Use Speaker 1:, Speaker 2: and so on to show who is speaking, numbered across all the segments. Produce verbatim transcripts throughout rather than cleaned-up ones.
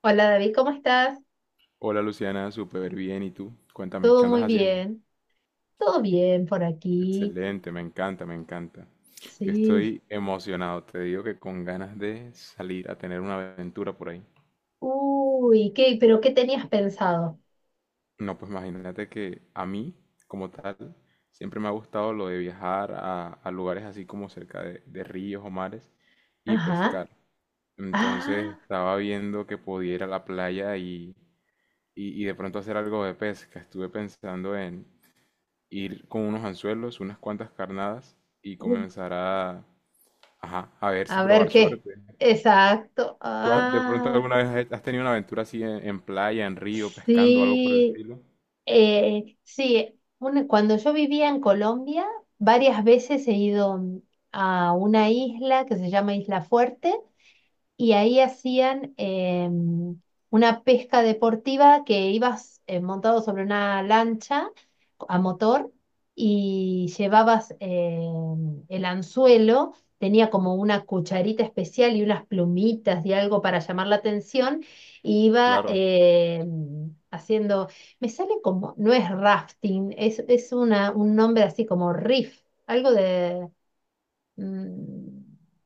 Speaker 1: Hola David, ¿cómo estás?
Speaker 2: Hola Luciana, súper bien. ¿Y tú? Cuéntame, ¿qué
Speaker 1: ¿Todo
Speaker 2: andas
Speaker 1: muy
Speaker 2: haciendo?
Speaker 1: bien? ¿Todo bien por aquí?
Speaker 2: Excelente, me encanta, me encanta. Yo
Speaker 1: Sí.
Speaker 2: estoy emocionado, te digo que con ganas de salir a tener una aventura por ahí.
Speaker 1: Uy, ¿qué? ¿Pero qué tenías pensado?
Speaker 2: No, pues imagínate que a mí, como tal, siempre me ha gustado lo de viajar a, a lugares así como cerca de, de ríos o mares y
Speaker 1: Ajá.
Speaker 2: pescar. Entonces
Speaker 1: Ah,
Speaker 2: estaba viendo que podía ir a la playa y, y- y de pronto hacer algo de pesca. Estuve pensando en ir con unos anzuelos, unas cuantas carnadas y
Speaker 1: uh,
Speaker 2: comenzar a, ajá, a ver si
Speaker 1: a ver
Speaker 2: probar
Speaker 1: qué.
Speaker 2: suerte.
Speaker 1: Exacto.
Speaker 2: ¿Tú has- de pronto
Speaker 1: Ah,
Speaker 2: alguna vez has hecho- has tenido una aventura así en, en playa, en río, pescando, algo por el
Speaker 1: sí.
Speaker 2: estilo?
Speaker 1: Eh, sí, una- cuando yo vivía en Colombia, varias veces he ido mm, a una isla que se llama Isla Fuerte, y ahí hacían em, una pesca deportiva, que ibas eh, montado sobre una lancha a motor, y llevabas em, el anzuelo, tenía como una cucharita especial y unas plumitas y algo para llamar la atención, y iba
Speaker 2: Claro.
Speaker 1: em, haciendo. Me sale como, no es rafting, es, es una, un nombre así como riff, algo de, mm,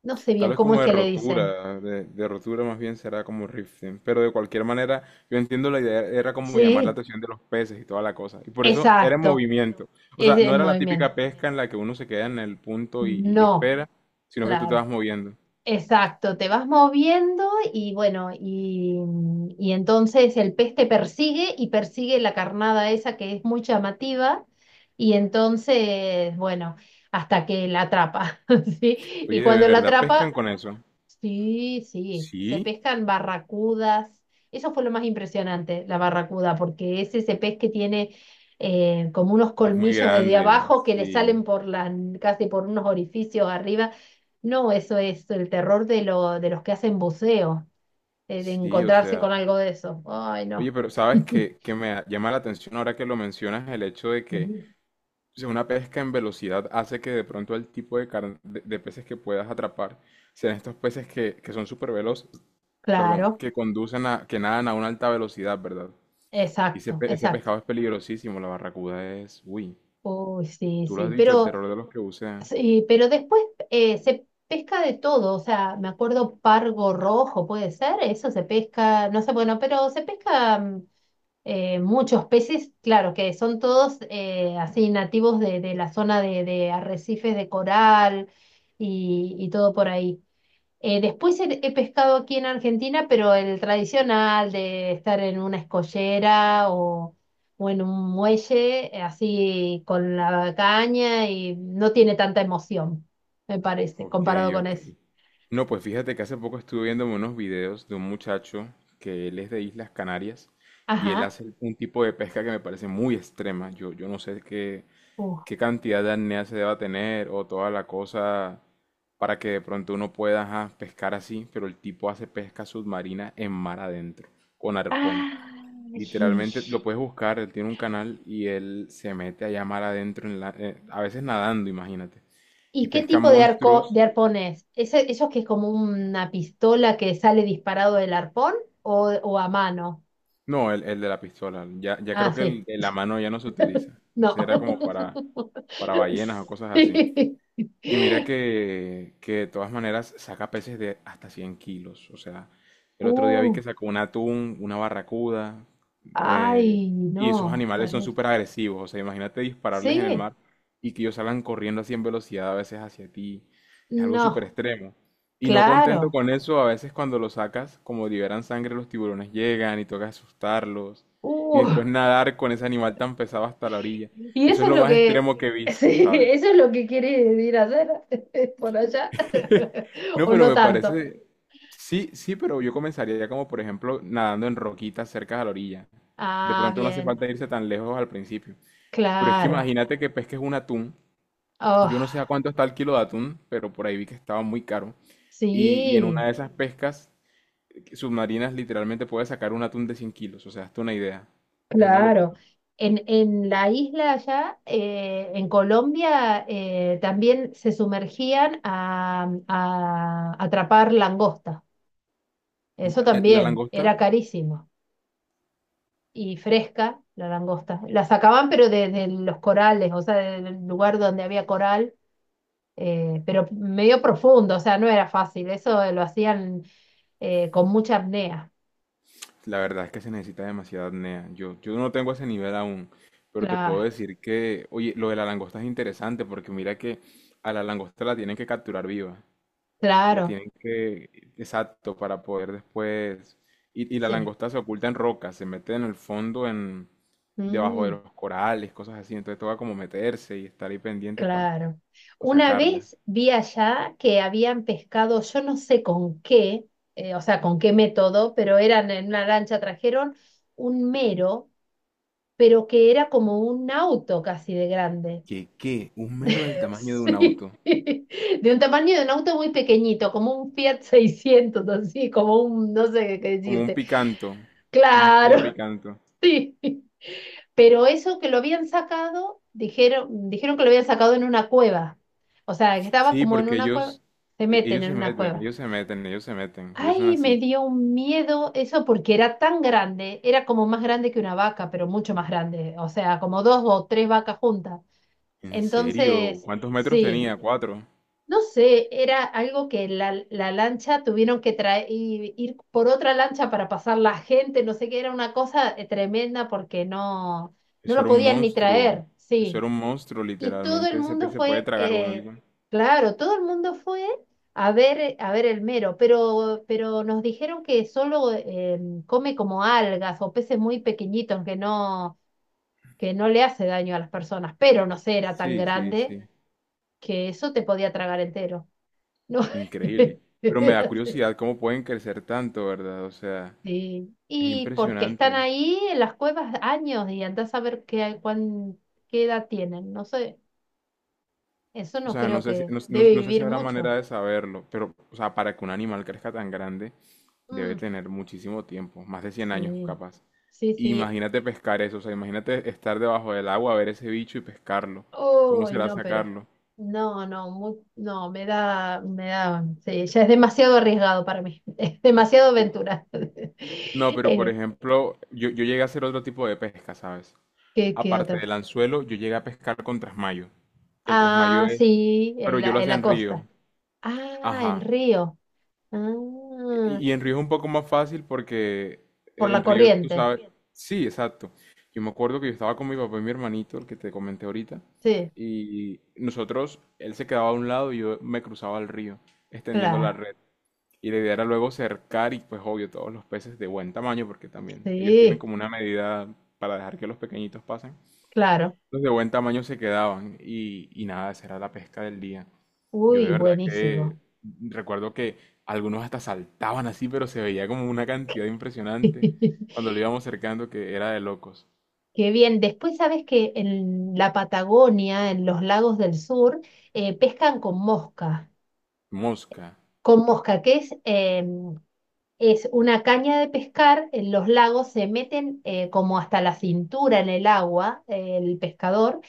Speaker 1: no sé
Speaker 2: Tal
Speaker 1: bien
Speaker 2: vez
Speaker 1: cómo es
Speaker 2: como de
Speaker 1: que le dicen.
Speaker 2: rotura, de, de rotura más bien será como rifting, pero de cualquier manera yo entiendo la idea, era como llamar la
Speaker 1: Sí,
Speaker 2: atención de los peces y toda la cosa, y por eso era en
Speaker 1: exacto,
Speaker 2: movimiento. O
Speaker 1: es
Speaker 2: sea, no
Speaker 1: el
Speaker 2: era la
Speaker 1: movimiento.
Speaker 2: típica pesca en la que uno se queda en el punto y, y
Speaker 1: No,
Speaker 2: espera, sino que tú te vas
Speaker 1: claro,
Speaker 2: moviendo.
Speaker 1: exacto. Te vas moviendo y bueno, y, y entonces el pez te persigue y persigue la carnada esa que es muy llamativa, y entonces, bueno, hasta que la atrapa, ¿sí? Y
Speaker 2: Oye, ¿de
Speaker 1: cuando la
Speaker 2: verdad pescan
Speaker 1: atrapa,
Speaker 2: con eso?
Speaker 1: sí, sí, se
Speaker 2: Sí,
Speaker 1: pescan barracudas. Eso fue lo más impresionante, la barracuda, porque es ese pez que tiene eh, como unos
Speaker 2: es muy
Speaker 1: colmillos desde
Speaker 2: grande,
Speaker 1: abajo que le salen
Speaker 2: sí,
Speaker 1: por la, casi por unos orificios arriba. No, eso es el terror de, lo, de los que hacen buceo, eh, de
Speaker 2: sí. O
Speaker 1: encontrarse
Speaker 2: sea,
Speaker 1: con algo de eso. Ay, no.
Speaker 2: oye, pero sabes que, que me llama la atención ahora que lo mencionas el hecho de que,
Speaker 1: Sí,
Speaker 2: o sea, una pesca en velocidad hace que de pronto el tipo de, car- de, de peces que puedas atrapar sean estos peces que, que son súper veloces, perdón,
Speaker 1: claro,
Speaker 2: que conducen a, que nadan a una alta velocidad, ¿verdad? Y ese,
Speaker 1: exacto,
Speaker 2: pe- ese
Speaker 1: exacto.
Speaker 2: pescado es peligrosísimo, la barracuda es, uy,
Speaker 1: Uy, sí,
Speaker 2: tú lo
Speaker 1: sí,
Speaker 2: has dicho, el
Speaker 1: pero,
Speaker 2: terror de los que bucean.
Speaker 1: sí, pero después, eh, se pesca de todo, o sea, me acuerdo, pargo rojo, puede ser, eso se pesca, no sé, bueno, pero se pesca mm, eh, muchos peces, claro, que son todos eh, así nativos de, de la zona de, de arrecifes de coral, y, y todo por ahí. Eh, después he, he pescado aquí en Argentina, pero el tradicional de estar en una escollera, o, o en un muelle, eh, así con la caña, y no tiene tanta emoción, me parece,
Speaker 2: Ok,
Speaker 1: comparado con
Speaker 2: ok.
Speaker 1: eso.
Speaker 2: No, pues fíjate que hace poco estuve viendo unos videos de un muchacho que él es de Islas Canarias y él
Speaker 1: Ajá.
Speaker 2: hace un tipo de pesca que me parece muy extrema. Yo, yo no sé qué,
Speaker 1: Uh.
Speaker 2: qué cantidad de apnea se deba tener o toda la cosa para que de pronto uno pueda ajá, pescar así, pero el tipo hace pesca submarina en mar adentro, con arpón.
Speaker 1: Ay,
Speaker 2: Literalmente lo puedes buscar, él tiene un canal y él se mete allá mar adentro, en la- eh, a veces nadando, imagínate, y
Speaker 1: ¿y qué
Speaker 2: pesca
Speaker 1: tipo de arco,
Speaker 2: monstruos.
Speaker 1: de arpón es? ¿Ese, esos que es como una pistola que sale disparado del arpón, o, o a mano?
Speaker 2: No, el, el de la pistola. Ya, ya
Speaker 1: Ah,
Speaker 2: creo que
Speaker 1: sí.
Speaker 2: el de la mano ya no se utiliza. Ese
Speaker 1: No.
Speaker 2: era como para, para ballenas o cosas así.
Speaker 1: Sí.
Speaker 2: Y mira que, que de todas maneras saca peces de hasta 100 kilos. O sea, el otro día vi
Speaker 1: Uh,
Speaker 2: que sacó un atún, una barracuda. eh,
Speaker 1: Ay,
Speaker 2: y esos
Speaker 1: no,
Speaker 2: animales son
Speaker 1: terrible.
Speaker 2: súper agresivos. O sea, imagínate dispararles en el
Speaker 1: Sí,
Speaker 2: mar y que ellos salgan corriendo así en velocidad a veces hacia ti. Es algo súper
Speaker 1: no,
Speaker 2: extremo. Y no contento
Speaker 1: claro.
Speaker 2: con eso, a veces cuando los sacas, como liberan sangre, los tiburones llegan y toca asustarlos. Y
Speaker 1: Uh,
Speaker 2: después nadar con ese animal tan pesado hasta la orilla.
Speaker 1: y
Speaker 2: Eso
Speaker 1: eso
Speaker 2: es
Speaker 1: es
Speaker 2: lo
Speaker 1: lo
Speaker 2: más
Speaker 1: que,
Speaker 2: extremo que he visto,
Speaker 1: sí,
Speaker 2: ¿sabes?
Speaker 1: eso es lo que quieres ir a hacer por allá.
Speaker 2: No,
Speaker 1: O
Speaker 2: pero
Speaker 1: no
Speaker 2: me
Speaker 1: tanto.
Speaker 2: parece, sí, sí, pero yo comenzaría ya como, por ejemplo, nadando en roquitas cerca de la orilla. De
Speaker 1: Ah,
Speaker 2: pronto no hace
Speaker 1: bien,
Speaker 2: falta irse tan lejos al principio. Pero es que
Speaker 1: claro.
Speaker 2: imagínate que pesques un atún.
Speaker 1: Oh,
Speaker 2: Yo no sé a cuánto está el kilo de atún, pero por ahí vi que estaba muy caro. Y, y en una
Speaker 1: sí.
Speaker 2: de esas pescas submarinas literalmente puedes sacar un atún de cien kilos. O sea, hazte una idea. Es una
Speaker 1: Claro.
Speaker 2: locura.
Speaker 1: En, en la isla allá, eh, en Colombia, eh, también se sumergían a, a atrapar langosta. Eso
Speaker 2: La
Speaker 1: también
Speaker 2: langosta,
Speaker 1: era carísimo. Y fresca la langosta. La sacaban, pero desde los corales, o sea, del lugar donde había coral, eh, pero medio profundo, o sea, no era fácil. Eso lo hacían eh, con mucha apnea.
Speaker 2: la verdad es que se necesita demasiada apnea. Yo, yo no tengo ese nivel aún, pero te puedo
Speaker 1: Claro,
Speaker 2: decir que, oye, lo de la langosta es interesante porque mira que a la langosta la tienen que capturar viva. La
Speaker 1: claro,
Speaker 2: tienen que, exacto, para poder después... Y, y la
Speaker 1: sí.
Speaker 2: langosta se oculta en rocas, se mete en el fondo, en debajo de
Speaker 1: Mm.
Speaker 2: los corales, cosas así. Entonces toca como meterse y estar ahí pendiente para
Speaker 1: Claro. Una
Speaker 2: sacarla.
Speaker 1: vez vi allá que habían pescado, yo no sé con qué, eh, o sea, con qué método, pero eran en una lancha, trajeron un mero, pero que era como un auto casi de grande.
Speaker 2: ¿Qué, qué? Un mero del tamaño de un
Speaker 1: Sí.
Speaker 2: auto.
Speaker 1: De un tamaño de un auto muy pequeñito, como un Fiat seiscientos así, como un, no sé qué
Speaker 2: Como un
Speaker 1: decirte.
Speaker 2: picanto. Un Kia
Speaker 1: Claro,
Speaker 2: picanto.
Speaker 1: sí. Pero eso que lo habían sacado, dijeron, dijeron, que lo habían sacado en una cueva. O sea, que estaba
Speaker 2: Sí,
Speaker 1: como en
Speaker 2: porque
Speaker 1: una cueva,
Speaker 2: ellos,
Speaker 1: se
Speaker 2: e-
Speaker 1: meten
Speaker 2: ellos
Speaker 1: en
Speaker 2: se
Speaker 1: una
Speaker 2: meten,
Speaker 1: cueva.
Speaker 2: ellos se meten, ellos se meten, ellos son
Speaker 1: Ay, me
Speaker 2: así.
Speaker 1: dio un miedo eso porque era tan grande, era como más grande que una vaca, pero mucho más grande, o sea, como dos o tres vacas juntas.
Speaker 2: ¿En serio?
Speaker 1: Entonces,
Speaker 2: ¿Cuántos metros
Speaker 1: sí,
Speaker 2: tenía? Cuatro.
Speaker 1: no sé, era algo que la, la lancha tuvieron que traer, ir por otra lancha para pasar la gente, no sé qué, era una cosa eh, tremenda, porque no, no
Speaker 2: Eso
Speaker 1: lo
Speaker 2: era un
Speaker 1: podían ni traer,
Speaker 2: monstruo. Eso
Speaker 1: sí.
Speaker 2: era un monstruo,
Speaker 1: Y todo el
Speaker 2: literalmente. Ese pez
Speaker 1: mundo
Speaker 2: se puede
Speaker 1: fue,
Speaker 2: tragar uno
Speaker 1: eh,
Speaker 2: alguien.
Speaker 1: claro, todo el mundo fue a ver, eh, a ver el mero, pero, pero, nos dijeron que solo eh, come como algas o peces muy pequeñitos, que no, que no le hace daño a las personas, pero no sé, era tan
Speaker 2: Sí, sí,
Speaker 1: grande
Speaker 2: sí.
Speaker 1: que eso te podía tragar entero. No.
Speaker 2: Increíble. Pero me
Speaker 1: Era
Speaker 2: da
Speaker 1: así.
Speaker 2: curiosidad cómo pueden crecer tanto, ¿verdad? O sea,
Speaker 1: Sí.
Speaker 2: es
Speaker 1: Y porque están
Speaker 2: impresionante.
Speaker 1: ahí en las cuevas años, y andás a ver qué, cuán, qué edad tienen. No sé, eso
Speaker 2: O
Speaker 1: no
Speaker 2: sea, no
Speaker 1: creo
Speaker 2: sé si,
Speaker 1: que
Speaker 2: no, no-
Speaker 1: debe
Speaker 2: no sé si
Speaker 1: vivir
Speaker 2: habrá manera
Speaker 1: mucho.
Speaker 2: de saberlo, pero, o sea, para que un animal crezca tan grande, debe
Speaker 1: Mm,
Speaker 2: tener muchísimo tiempo, más de cien años
Speaker 1: sí,
Speaker 2: capaz.
Speaker 1: sí, sí.
Speaker 2: Imagínate pescar eso, o sea, imagínate estar debajo del agua, ver ese bicho y pescarlo. ¿Cómo
Speaker 1: Uy,
Speaker 2: será
Speaker 1: no, pero
Speaker 2: sacarlo?
Speaker 1: no, no, mu- no, me da, me da, sí, ya es demasiado arriesgado para mí. Es demasiado
Speaker 2: Uf.
Speaker 1: aventura.
Speaker 2: No, pero por
Speaker 1: Eh,
Speaker 2: ejemplo, yo, yo llegué a hacer otro tipo de pesca, ¿sabes?
Speaker 1: ¿qué, qué otra
Speaker 2: Aparte
Speaker 1: vez?
Speaker 2: del anzuelo, yo llegué a pescar con trasmayo. El trasmayo
Speaker 1: Ah,
Speaker 2: es,
Speaker 1: sí,
Speaker 2: pero
Speaker 1: en
Speaker 2: yo lo
Speaker 1: la, en
Speaker 2: hacía
Speaker 1: la
Speaker 2: en río.
Speaker 1: costa. Ah, en
Speaker 2: Ajá.
Speaker 1: Río. Ah,
Speaker 2: Y y en río es un poco más fácil porque
Speaker 1: por la
Speaker 2: en río tú
Speaker 1: corriente.
Speaker 2: sabes. Sí, exacto. Yo me acuerdo que yo estaba con mi papá y mi hermanito, el que te comenté ahorita,
Speaker 1: Sí,
Speaker 2: y nosotros, él se quedaba a un lado y yo me cruzaba al río, extendiendo la
Speaker 1: claro.
Speaker 2: red. Y la idea era luego cercar y pues obvio todos los peces de buen tamaño, porque también ellos tienen
Speaker 1: Sí,
Speaker 2: como una medida para dejar que los pequeñitos pasen.
Speaker 1: claro.
Speaker 2: Los de buen tamaño se quedaban y, y nada, esa era la pesca del día. Yo de
Speaker 1: Uy,
Speaker 2: verdad que
Speaker 1: buenísimo.
Speaker 2: recuerdo que algunos hasta saltaban así, pero se veía como una cantidad impresionante cuando lo íbamos cercando que era de locos.
Speaker 1: Qué bien. Después sabes que en la Patagonia, en los lagos del sur, eh, pescan con mosca.
Speaker 2: Mosca.
Speaker 1: Con mosca, que es, eh, es una caña de pescar, en los lagos se meten eh, como hasta la cintura en el agua, eh, el pescador,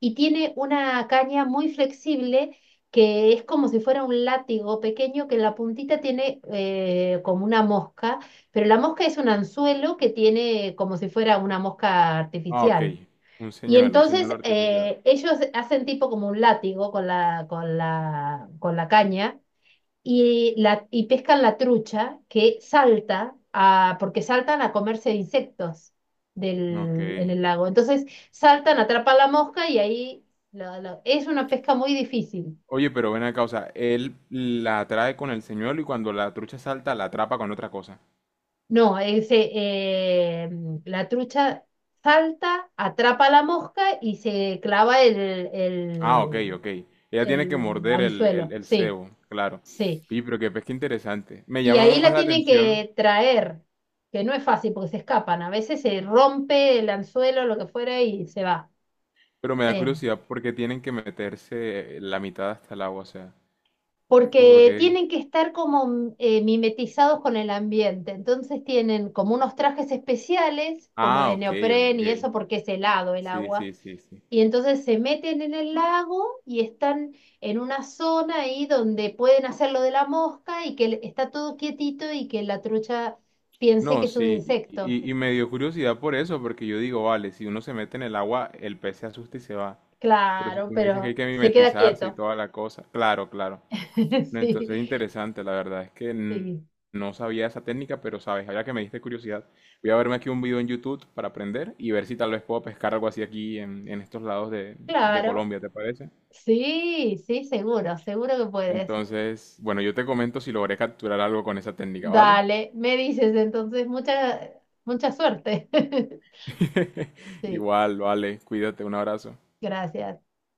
Speaker 1: y tiene una caña muy flexible, que es como si fuera un látigo pequeño, que en la puntita tiene eh, como una mosca, pero la mosca es un anzuelo que tiene como si fuera una mosca
Speaker 2: Ah, ok.
Speaker 1: artificial.
Speaker 2: Un
Speaker 1: Y
Speaker 2: señuelo, un señuelo
Speaker 1: entonces
Speaker 2: artificial.
Speaker 1: eh, ellos hacen tipo como un látigo con la, con la, con la caña y, la, y pescan la trucha que salta a, porque saltan a comerse insectos
Speaker 2: Ok.
Speaker 1: del, en el lago. Entonces saltan, atrapan la mosca, y ahí la- la- es una pesca muy difícil.
Speaker 2: Oye, pero ven acá, o sea, él la atrae con el señuelo y cuando la trucha salta la atrapa con otra cosa.
Speaker 1: No, ese, eh, la trucha salta, atrapa la mosca y se clava el,
Speaker 2: Ah, ok,
Speaker 1: el,
Speaker 2: ok. Ella tiene que
Speaker 1: el
Speaker 2: morder el, el,
Speaker 1: anzuelo.
Speaker 2: el
Speaker 1: Sí,
Speaker 2: cebo, claro.
Speaker 1: sí.
Speaker 2: Y pero qué pesca interesante. Me
Speaker 1: Y ahí
Speaker 2: llama más
Speaker 1: la
Speaker 2: la
Speaker 1: tienen
Speaker 2: atención,
Speaker 1: que traer, que no es fácil porque se escapan. A veces se rompe el anzuelo, lo que fuera, y se va.
Speaker 2: pero me da
Speaker 1: Eh,
Speaker 2: curiosidad por qué tienen que meterse la mitad hasta el agua, o sea, ¿por
Speaker 1: Porque
Speaker 2: qué?
Speaker 1: tienen que estar como eh, mimetizados con el ambiente. Entonces tienen como unos trajes especiales, como
Speaker 2: Ah,
Speaker 1: de
Speaker 2: ok,
Speaker 1: neopren y
Speaker 2: ok.
Speaker 1: eso, porque es helado el
Speaker 2: Sí,
Speaker 1: agua.
Speaker 2: sí, sí, sí.
Speaker 1: Y entonces se meten en el lago y están en una zona ahí donde pueden hacer lo de la mosca y que está todo quietito, y que la trucha piense
Speaker 2: No,
Speaker 1: que es un
Speaker 2: sí, y,
Speaker 1: insecto.
Speaker 2: y- y me dio curiosidad por eso, porque yo digo, vale, si uno se mete en el agua, el pez se asusta y se va. Pero si
Speaker 1: Claro,
Speaker 2: tú me dices que hay
Speaker 1: pero
Speaker 2: que
Speaker 1: se queda
Speaker 2: mimetizarse y
Speaker 1: quieto.
Speaker 2: toda la cosa, claro, claro. No, entonces,
Speaker 1: Sí,
Speaker 2: interesante, la verdad es que n-
Speaker 1: sí,
Speaker 2: no sabía esa técnica, pero sabes, ahora que me diste curiosidad, voy a verme aquí un video en YouTube para aprender y ver si tal vez puedo pescar algo así aquí en, en estos lados de, de
Speaker 1: claro.
Speaker 2: Colombia, ¿te parece?
Speaker 1: Sí, sí, seguro, seguro que puedes.
Speaker 2: Entonces, bueno, yo te comento si logré capturar algo con esa técnica, ¿vale?
Speaker 1: Dale, me dices entonces. Mucha, mucha suerte. Sí,
Speaker 2: Igual, vale, cuídate, un abrazo.
Speaker 1: gracias.